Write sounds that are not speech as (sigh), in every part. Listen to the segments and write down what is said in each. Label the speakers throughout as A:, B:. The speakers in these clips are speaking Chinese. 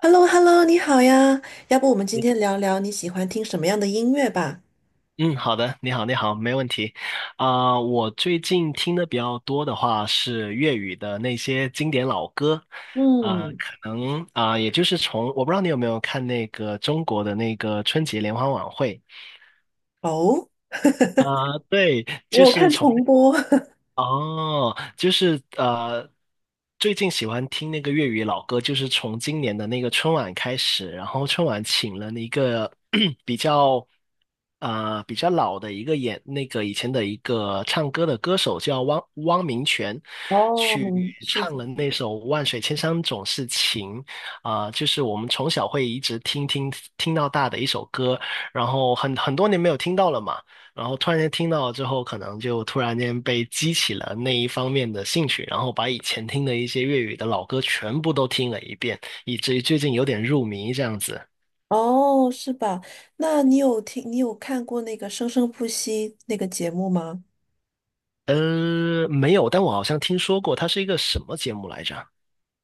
A: h e l l o h e l l o 你好呀，要不我们今
B: 你
A: 天聊聊你喜欢听什么样的音乐吧？
B: 嗯，好的，你好，你好，没问题。我最近听的比较多的话是粤语的那些经典老歌，
A: 嗯，
B: 可能也就是从我不知道你有没有看那个中国的那个春节联欢晚会
A: 哦，
B: 啊、对，就
A: 我有
B: 是
A: 看
B: 从。
A: 重播。(laughs)
B: 哦，就是最近喜欢听那个粤语老歌，就是从今年的那个春晚开始，然后春晚请了一个 (clears throat) 比较比较老的一个演那个以前的一个唱歌的歌手叫汪明荃，
A: 哦，
B: 去
A: 明是
B: 唱
A: 的，
B: 了那首《万水千山总是情》就是我们从小会一直听到大的一首歌，然后很多年没有听到了嘛。然后突然间听到之后，可能就突然间被激起了那一方面的兴趣，然后把以前听的一些粤语的老歌全部都听了一遍，以至于最近有点入迷这样子。
A: 哦，是吧？那你有听，你有看过那个《生生不息》那个节目吗？
B: 没有，但我好像听说过它是一个什么节目来着？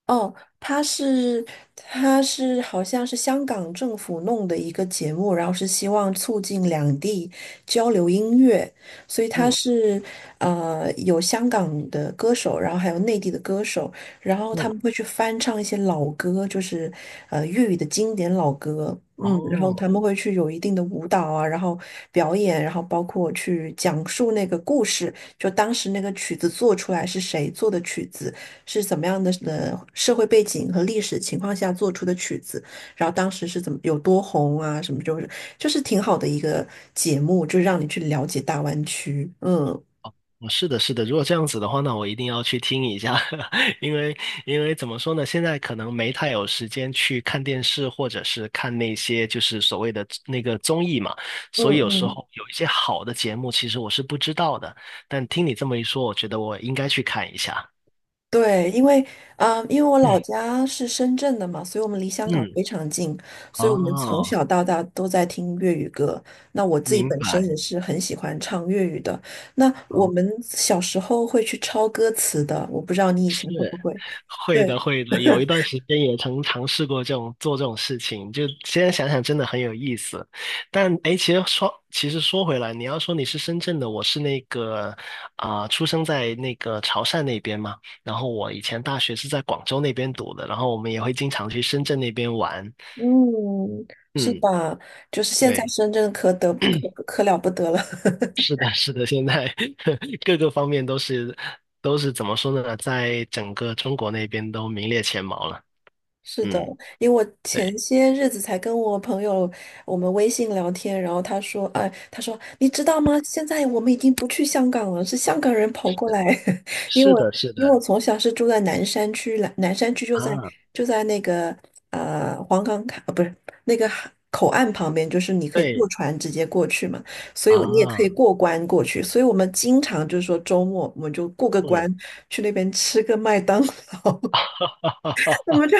A: 哦，它是它是好像是香港政府弄的一个节目，然后是希望促进两地交流音乐，所以它
B: 嗯
A: 是有香港的歌手，然后还有内地的歌手，然后他
B: 嗯，
A: 们会去翻唱一些老歌，就是粤语的经典老歌，嗯，然后他们
B: 哦，
A: 会去有一定的舞蹈啊，然后表演，然后包括去讲述那个故事，就当时那个曲子做出来是谁做的曲子。是怎么样的社会背景和历史情况下做出的曲子，然后当时是怎么有多红啊，什么就是挺好的一个节目，就是让你去了解大湾区。嗯，
B: 哦，是的，是的。如果这样子的话，那我一定要去听一下，(laughs) 因为因为怎么说呢，现在可能没太有时间去看电视，或者是看那些就是所谓的那个综艺嘛，
A: 嗯
B: 所以有时
A: 嗯，
B: 候有一些好的节目，其实我是不知道的。但听你这么一说，我觉得我应该去看一下。
A: 对，因为我
B: 嗯
A: 老家是深圳的嘛，所以我们离香港
B: 嗯，
A: 非常近，所以我们从
B: 哦，
A: 小到大都在听粤语歌。那我自己
B: 明
A: 本身也
B: 白。
A: 是很喜欢唱粤语的。那我
B: 哦，
A: 们小时候会去抄歌词的，我不知道你以前会不
B: 是。
A: 会？对。
B: 会的，会的，有一
A: (laughs)
B: 段时间也曾尝试过这种做这种事情，就现在想想真的很有意思。但哎，其实说回来，你要说你是深圳的，我是那个出生在那个潮汕那边嘛，然后我以前大学是在广州那边读的，然后我们也会经常去深圳那边玩。
A: 嗯，是
B: 嗯，
A: 吧？就是现在
B: 对，
A: 深圳可了不得了，
B: 是的，是的，现在 (laughs) 各个方面都是怎么说呢，在整个中国那边都名列前茅了。
A: 是的，
B: 嗯，
A: 因为我
B: 对，
A: 前些日子才跟我朋友我们微信聊天，然后他说，哎，他说你知道吗？现在我们已经不去香港了，是香港人跑过来，(laughs) 因
B: 是
A: 为
B: 的，是
A: 因为我
B: 的。
A: 从小是住在南山区，南山区就在
B: 啊。
A: 那个黄岗卡，不是那个海口岸旁边，就是你可以坐
B: 对
A: 船直接过去嘛，所以我你也可以
B: 啊，
A: 过关过去，所以我们经常就是说周末我们就过个
B: 嗯，
A: 关去那边吃个麦当 (laughs) 我
B: (laughs)
A: 们就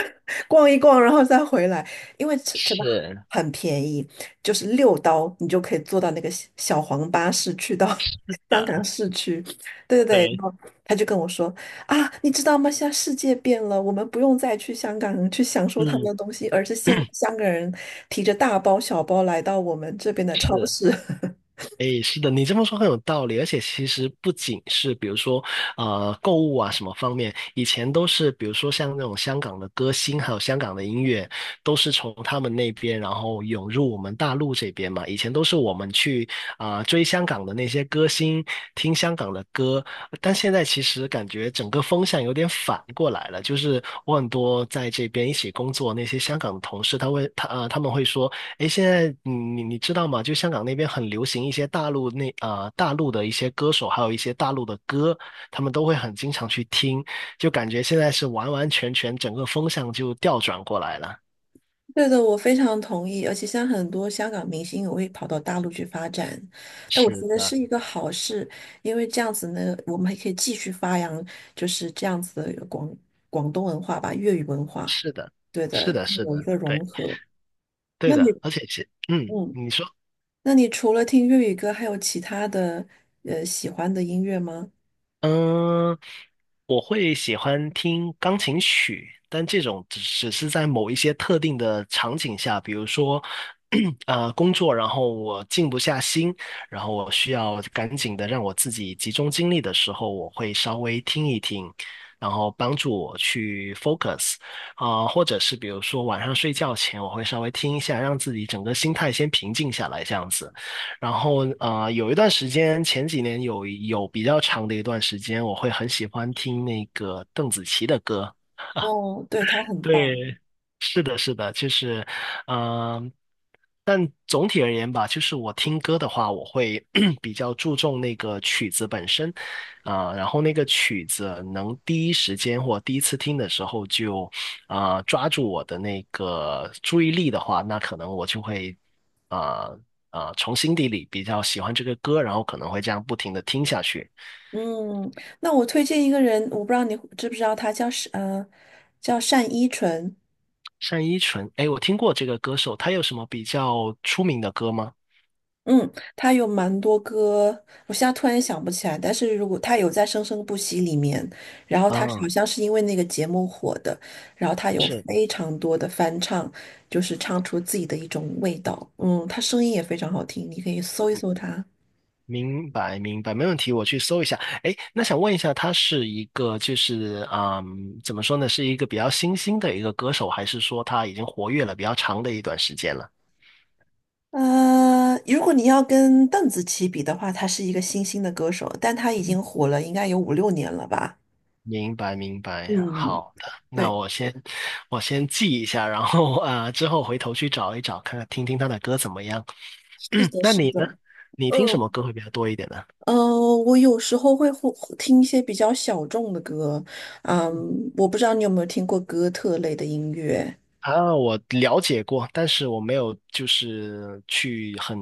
A: 逛一逛，然后再回来，因为真的
B: 是
A: 很便宜，就是6刀你就可以坐到那个小小黄巴士去到 (laughs) 香港
B: 的，
A: 市区。对对对，然
B: 对，
A: 后他就跟我说啊，你知道吗？现在世界变了，我们不用再去香港去享受他们
B: 嗯，
A: 的东西，而是现在香港人提着大包小包来到我们这边的超
B: 是。
A: 市。(laughs)
B: 诶，是的，你这么说很有道理，而且其实不仅是比如说，购物啊什么方面，以前都是比如说像那种香港的歌星，还有香港的音乐，都是从他们那边然后涌入我们大陆这边嘛。以前都是我们去追香港的那些歌星，听香港的歌，但现在其实感觉整个风向有点反过来了，就是我很多在这边一起工作那些香港的同事，他们会说。诶，现在你知道吗？就香港那边很流行一些大陆的一些歌手，还有一些大陆的歌，他们都会很经常去听，就感觉现在是完完全全整个风向就调转过来了。
A: 对的，我非常同意。而且像很多香港明星也会跑到大陆去发展，但我
B: 是
A: 觉得
B: 的，
A: 是一个好事，因为这样子呢，我们还可以继续发扬就是这样子的广东文化吧，粤语文化。
B: 是的，
A: 对
B: 是
A: 的，
B: 的，是
A: 有一
B: 的，
A: 个融
B: 对，
A: 合。
B: 对
A: 那你，
B: 的，而且是
A: 嗯，
B: 你说。
A: 那你除了听粤语歌，还有其他的喜欢的音乐吗？
B: 嗯，我会喜欢听钢琴曲，但这种只是在某一些特定的场景下，比如说，(clears throat) 工作，然后我静不下心，然后我需要赶紧的让我自己集中精力的时候，我会稍微听一听，然后帮助我去 focus，或者是比如说晚上睡觉前，我会稍微听一下，让自己整个心态先平静下来，这样子。然后有一段时间，前几年有比较长的一段时间，我会很喜欢听那个邓紫棋的歌。
A: 哦，对，他很棒。
B: 对，是的，是的，就是，嗯、但总体而言吧，就是我听歌的话，我会 (clears throat) 比较注重那个曲子本身，然后那个曲子能第一时间或第一次听的时候就，抓住我的那个注意力的话，那可能我就会，啊、从心底里比较喜欢这个歌，然后可能会这样不停的听下去。
A: 嗯，那我推荐一个人，我不知道你知不知道他叫单依纯。
B: 单依纯，哎，我听过这个歌手，他有什么比较出名的歌吗？
A: 嗯，他有蛮多歌，我现在突然想不起来。但是如果他有在《生生不息》里面，然后他好
B: 啊，
A: 像是因为那个节目火的，然后他有
B: 是。
A: 非常多的翻唱，就是唱出自己的一种味道。嗯，他声音也非常好听，你可以搜一搜他。
B: 明白，明白，没问题，我去搜一下。哎，那想问一下，他是一个就是怎么说呢，是一个比较新兴的一个歌手，还是说他已经活跃了比较长的一段时间了？
A: 如果你要跟邓紫棋比的话，他是一个新兴的歌手，但他已经火了应该有五六年了吧？
B: 明白，明白，
A: 嗯，
B: 好的，那
A: 对，
B: 我先我先记一下，然后之后回头去找一找，看看听听他的歌怎么样。
A: 是
B: (clears throat)
A: 的，
B: 那
A: 是
B: 你呢？
A: 的。
B: 你听什么
A: 嗯，
B: 歌会比较多一点呢？
A: 嗯，我有时候会听一些比较小众的歌，嗯，我不知道你有没有听过哥特类的音乐。
B: 啊，我了解过，但是我没有就是去很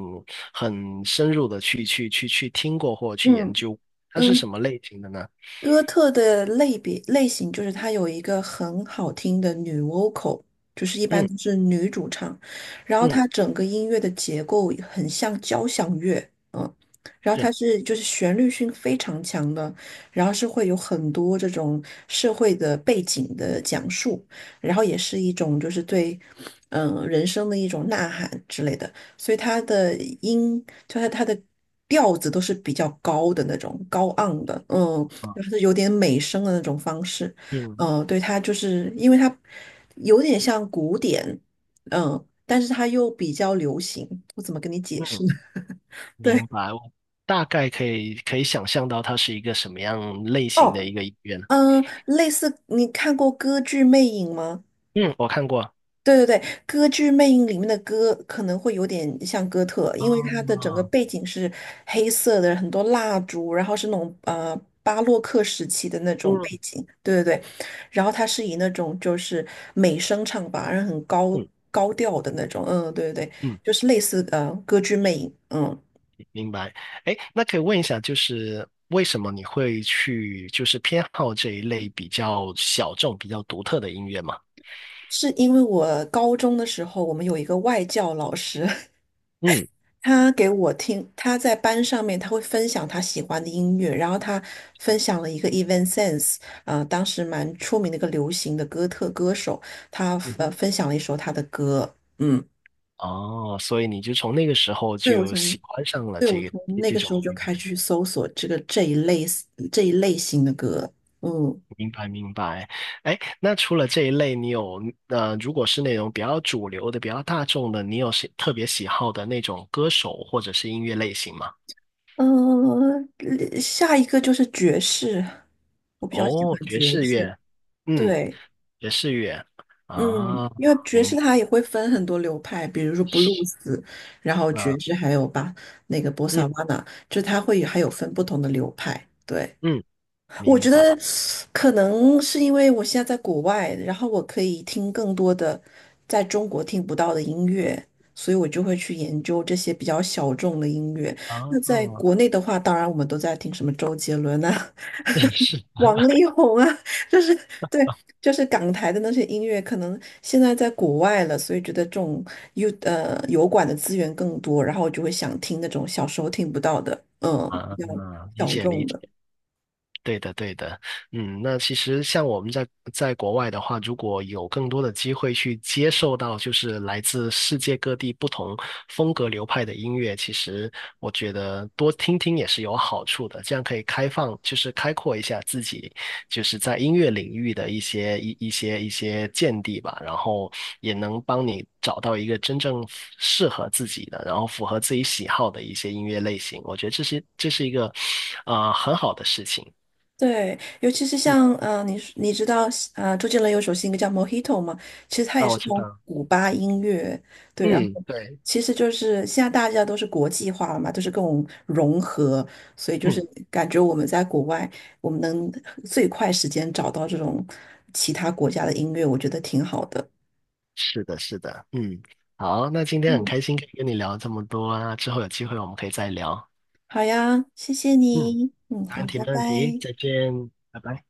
B: 很深入的去听过或去研
A: 嗯，
B: 究，它是什
A: 嗯，
B: 么类型的呢？
A: 哥特的类别类型就是它有一个很好听的女 vocal，就是一般
B: 嗯
A: 都是女主唱，然后
B: 嗯，
A: 它整个音乐的结构很像交响乐，嗯，然后
B: 是
A: 它是就是旋律性非常强的，然后是会有很多这种社会的背景的讲述，然后也是一种就是对人生的一种呐喊之类的，所以它的音就是它的。调子都是比较高的那种，高昂的，嗯，
B: 啊，
A: 就是有点美声的那种方式，
B: 嗯
A: 嗯、对，它就是因为它有点像古典，嗯、但是它又比较流行，我怎么跟你解释
B: 嗯，
A: 呢？(laughs) 对，
B: 明白，我大概可以想象到它是一个什么样类型的
A: 哦，
B: 一个医院。
A: 嗯、类似你看过歌剧《魅影》吗？
B: 嗯，我看过。
A: 对对对，《歌剧魅影》里面的歌可能会有点像哥特，因为它的整
B: 啊，
A: 个背景是黑色的，很多蜡烛，然后是那种巴洛克时期的那种背
B: 嗯
A: 景。对对对，然后它是以那种就是美声唱法，然后很高
B: 嗯
A: 高调的那种。嗯，对对对，
B: 嗯，
A: 就是类似《歌剧魅影》。嗯，
B: 明白。哎，那可以问一下，就是为什么你会去就是偏好这一类比较小众、比较独特的音乐吗？
A: 是因为我高中的时候，我们有一个外教老师，(laughs)
B: 嗯，
A: 他给我听，他在班上面他会分享他喜欢的音乐，然后他分享了一个 Evanescence，当时蛮出名的一个流行的哥特歌手，他
B: 嗯哼，
A: 分享了一首他的歌，嗯，
B: 哦，所以你就从那个时候
A: 对我
B: 就
A: 从
B: 喜欢上了
A: 对
B: 这
A: 我
B: 个
A: 从
B: 这
A: 那
B: 这
A: 个时
B: 种
A: 候就
B: 音乐，
A: 开始去搜索这一类型的歌，嗯
B: 明白明白。哎，那除了这一类，如果是那种比较主流的、比较大众的，你有特别喜好的那种歌手或者是音乐类型吗？
A: 下一个就是爵士，我比较喜
B: 哦，
A: 欢
B: 爵
A: 爵
B: 士
A: 士，
B: 乐，嗯，
A: 对。
B: 爵士乐，
A: 嗯，
B: 啊，
A: 因为爵士
B: 明
A: 它也会分很多流派，比如说布鲁斯，然后
B: 白，
A: 爵士，还有吧那个波萨
B: 嗯
A: 瓦纳，就它会有还有分不同的流派。对，
B: 嗯，
A: 我
B: 明
A: 觉
B: 白，
A: 得可能是因为我现在在国外，然后我可以听更多的在中国听不到的音乐，所以我就会去研究这些比较小众的音乐。
B: 啊，
A: 那在国内的话，当然我们都在听什么周杰伦啊，
B: (laughs) 是
A: 王力宏啊，(laughs) 就是对，就是港台的那些音乐，可能现在在国外了，所以觉得这种油管的资源更多，然后就会想听那种小时候听不到的，嗯，
B: 啊，
A: 比较
B: 理
A: 小
B: 解理
A: 众的。
B: 解。对的，对的，嗯，那其实像我们在国外的话，如果有更多的机会去接受到就是来自世界各地不同风格流派的音乐，其实我觉得多听听也是有好处的，这样可以开放，就是开阔一下自己，就是在音乐领域的一些见地吧，然后也能帮你找到一个真正适合自己的，然后符合自己喜好的一些音乐类型，我觉得这是一个很好的事情。
A: 对，尤其是
B: 嗯，
A: 像你知道周杰伦有首新歌叫《Mojito》吗？其实他也
B: 那
A: 是
B: 我知
A: 从
B: 道。
A: 古巴音乐，对，然
B: 嗯，
A: 后。
B: 对，
A: 其实就是现在大家都是国际化了嘛，都是各种融合，所以就是
B: 嗯，
A: 感觉我们在国外，我们能最快时间找到这种其他国家的音乐，我觉得挺好的。
B: 是的，是的，嗯，好，那今天很
A: 嗯，
B: 开心可以跟你聊这么多啊，之后有机会我们可以再聊。
A: 好呀，谢谢
B: 嗯，
A: 你。嗯，
B: 没
A: 好，
B: 问题，
A: 拜
B: 没问题，
A: 拜。
B: 再见，拜拜。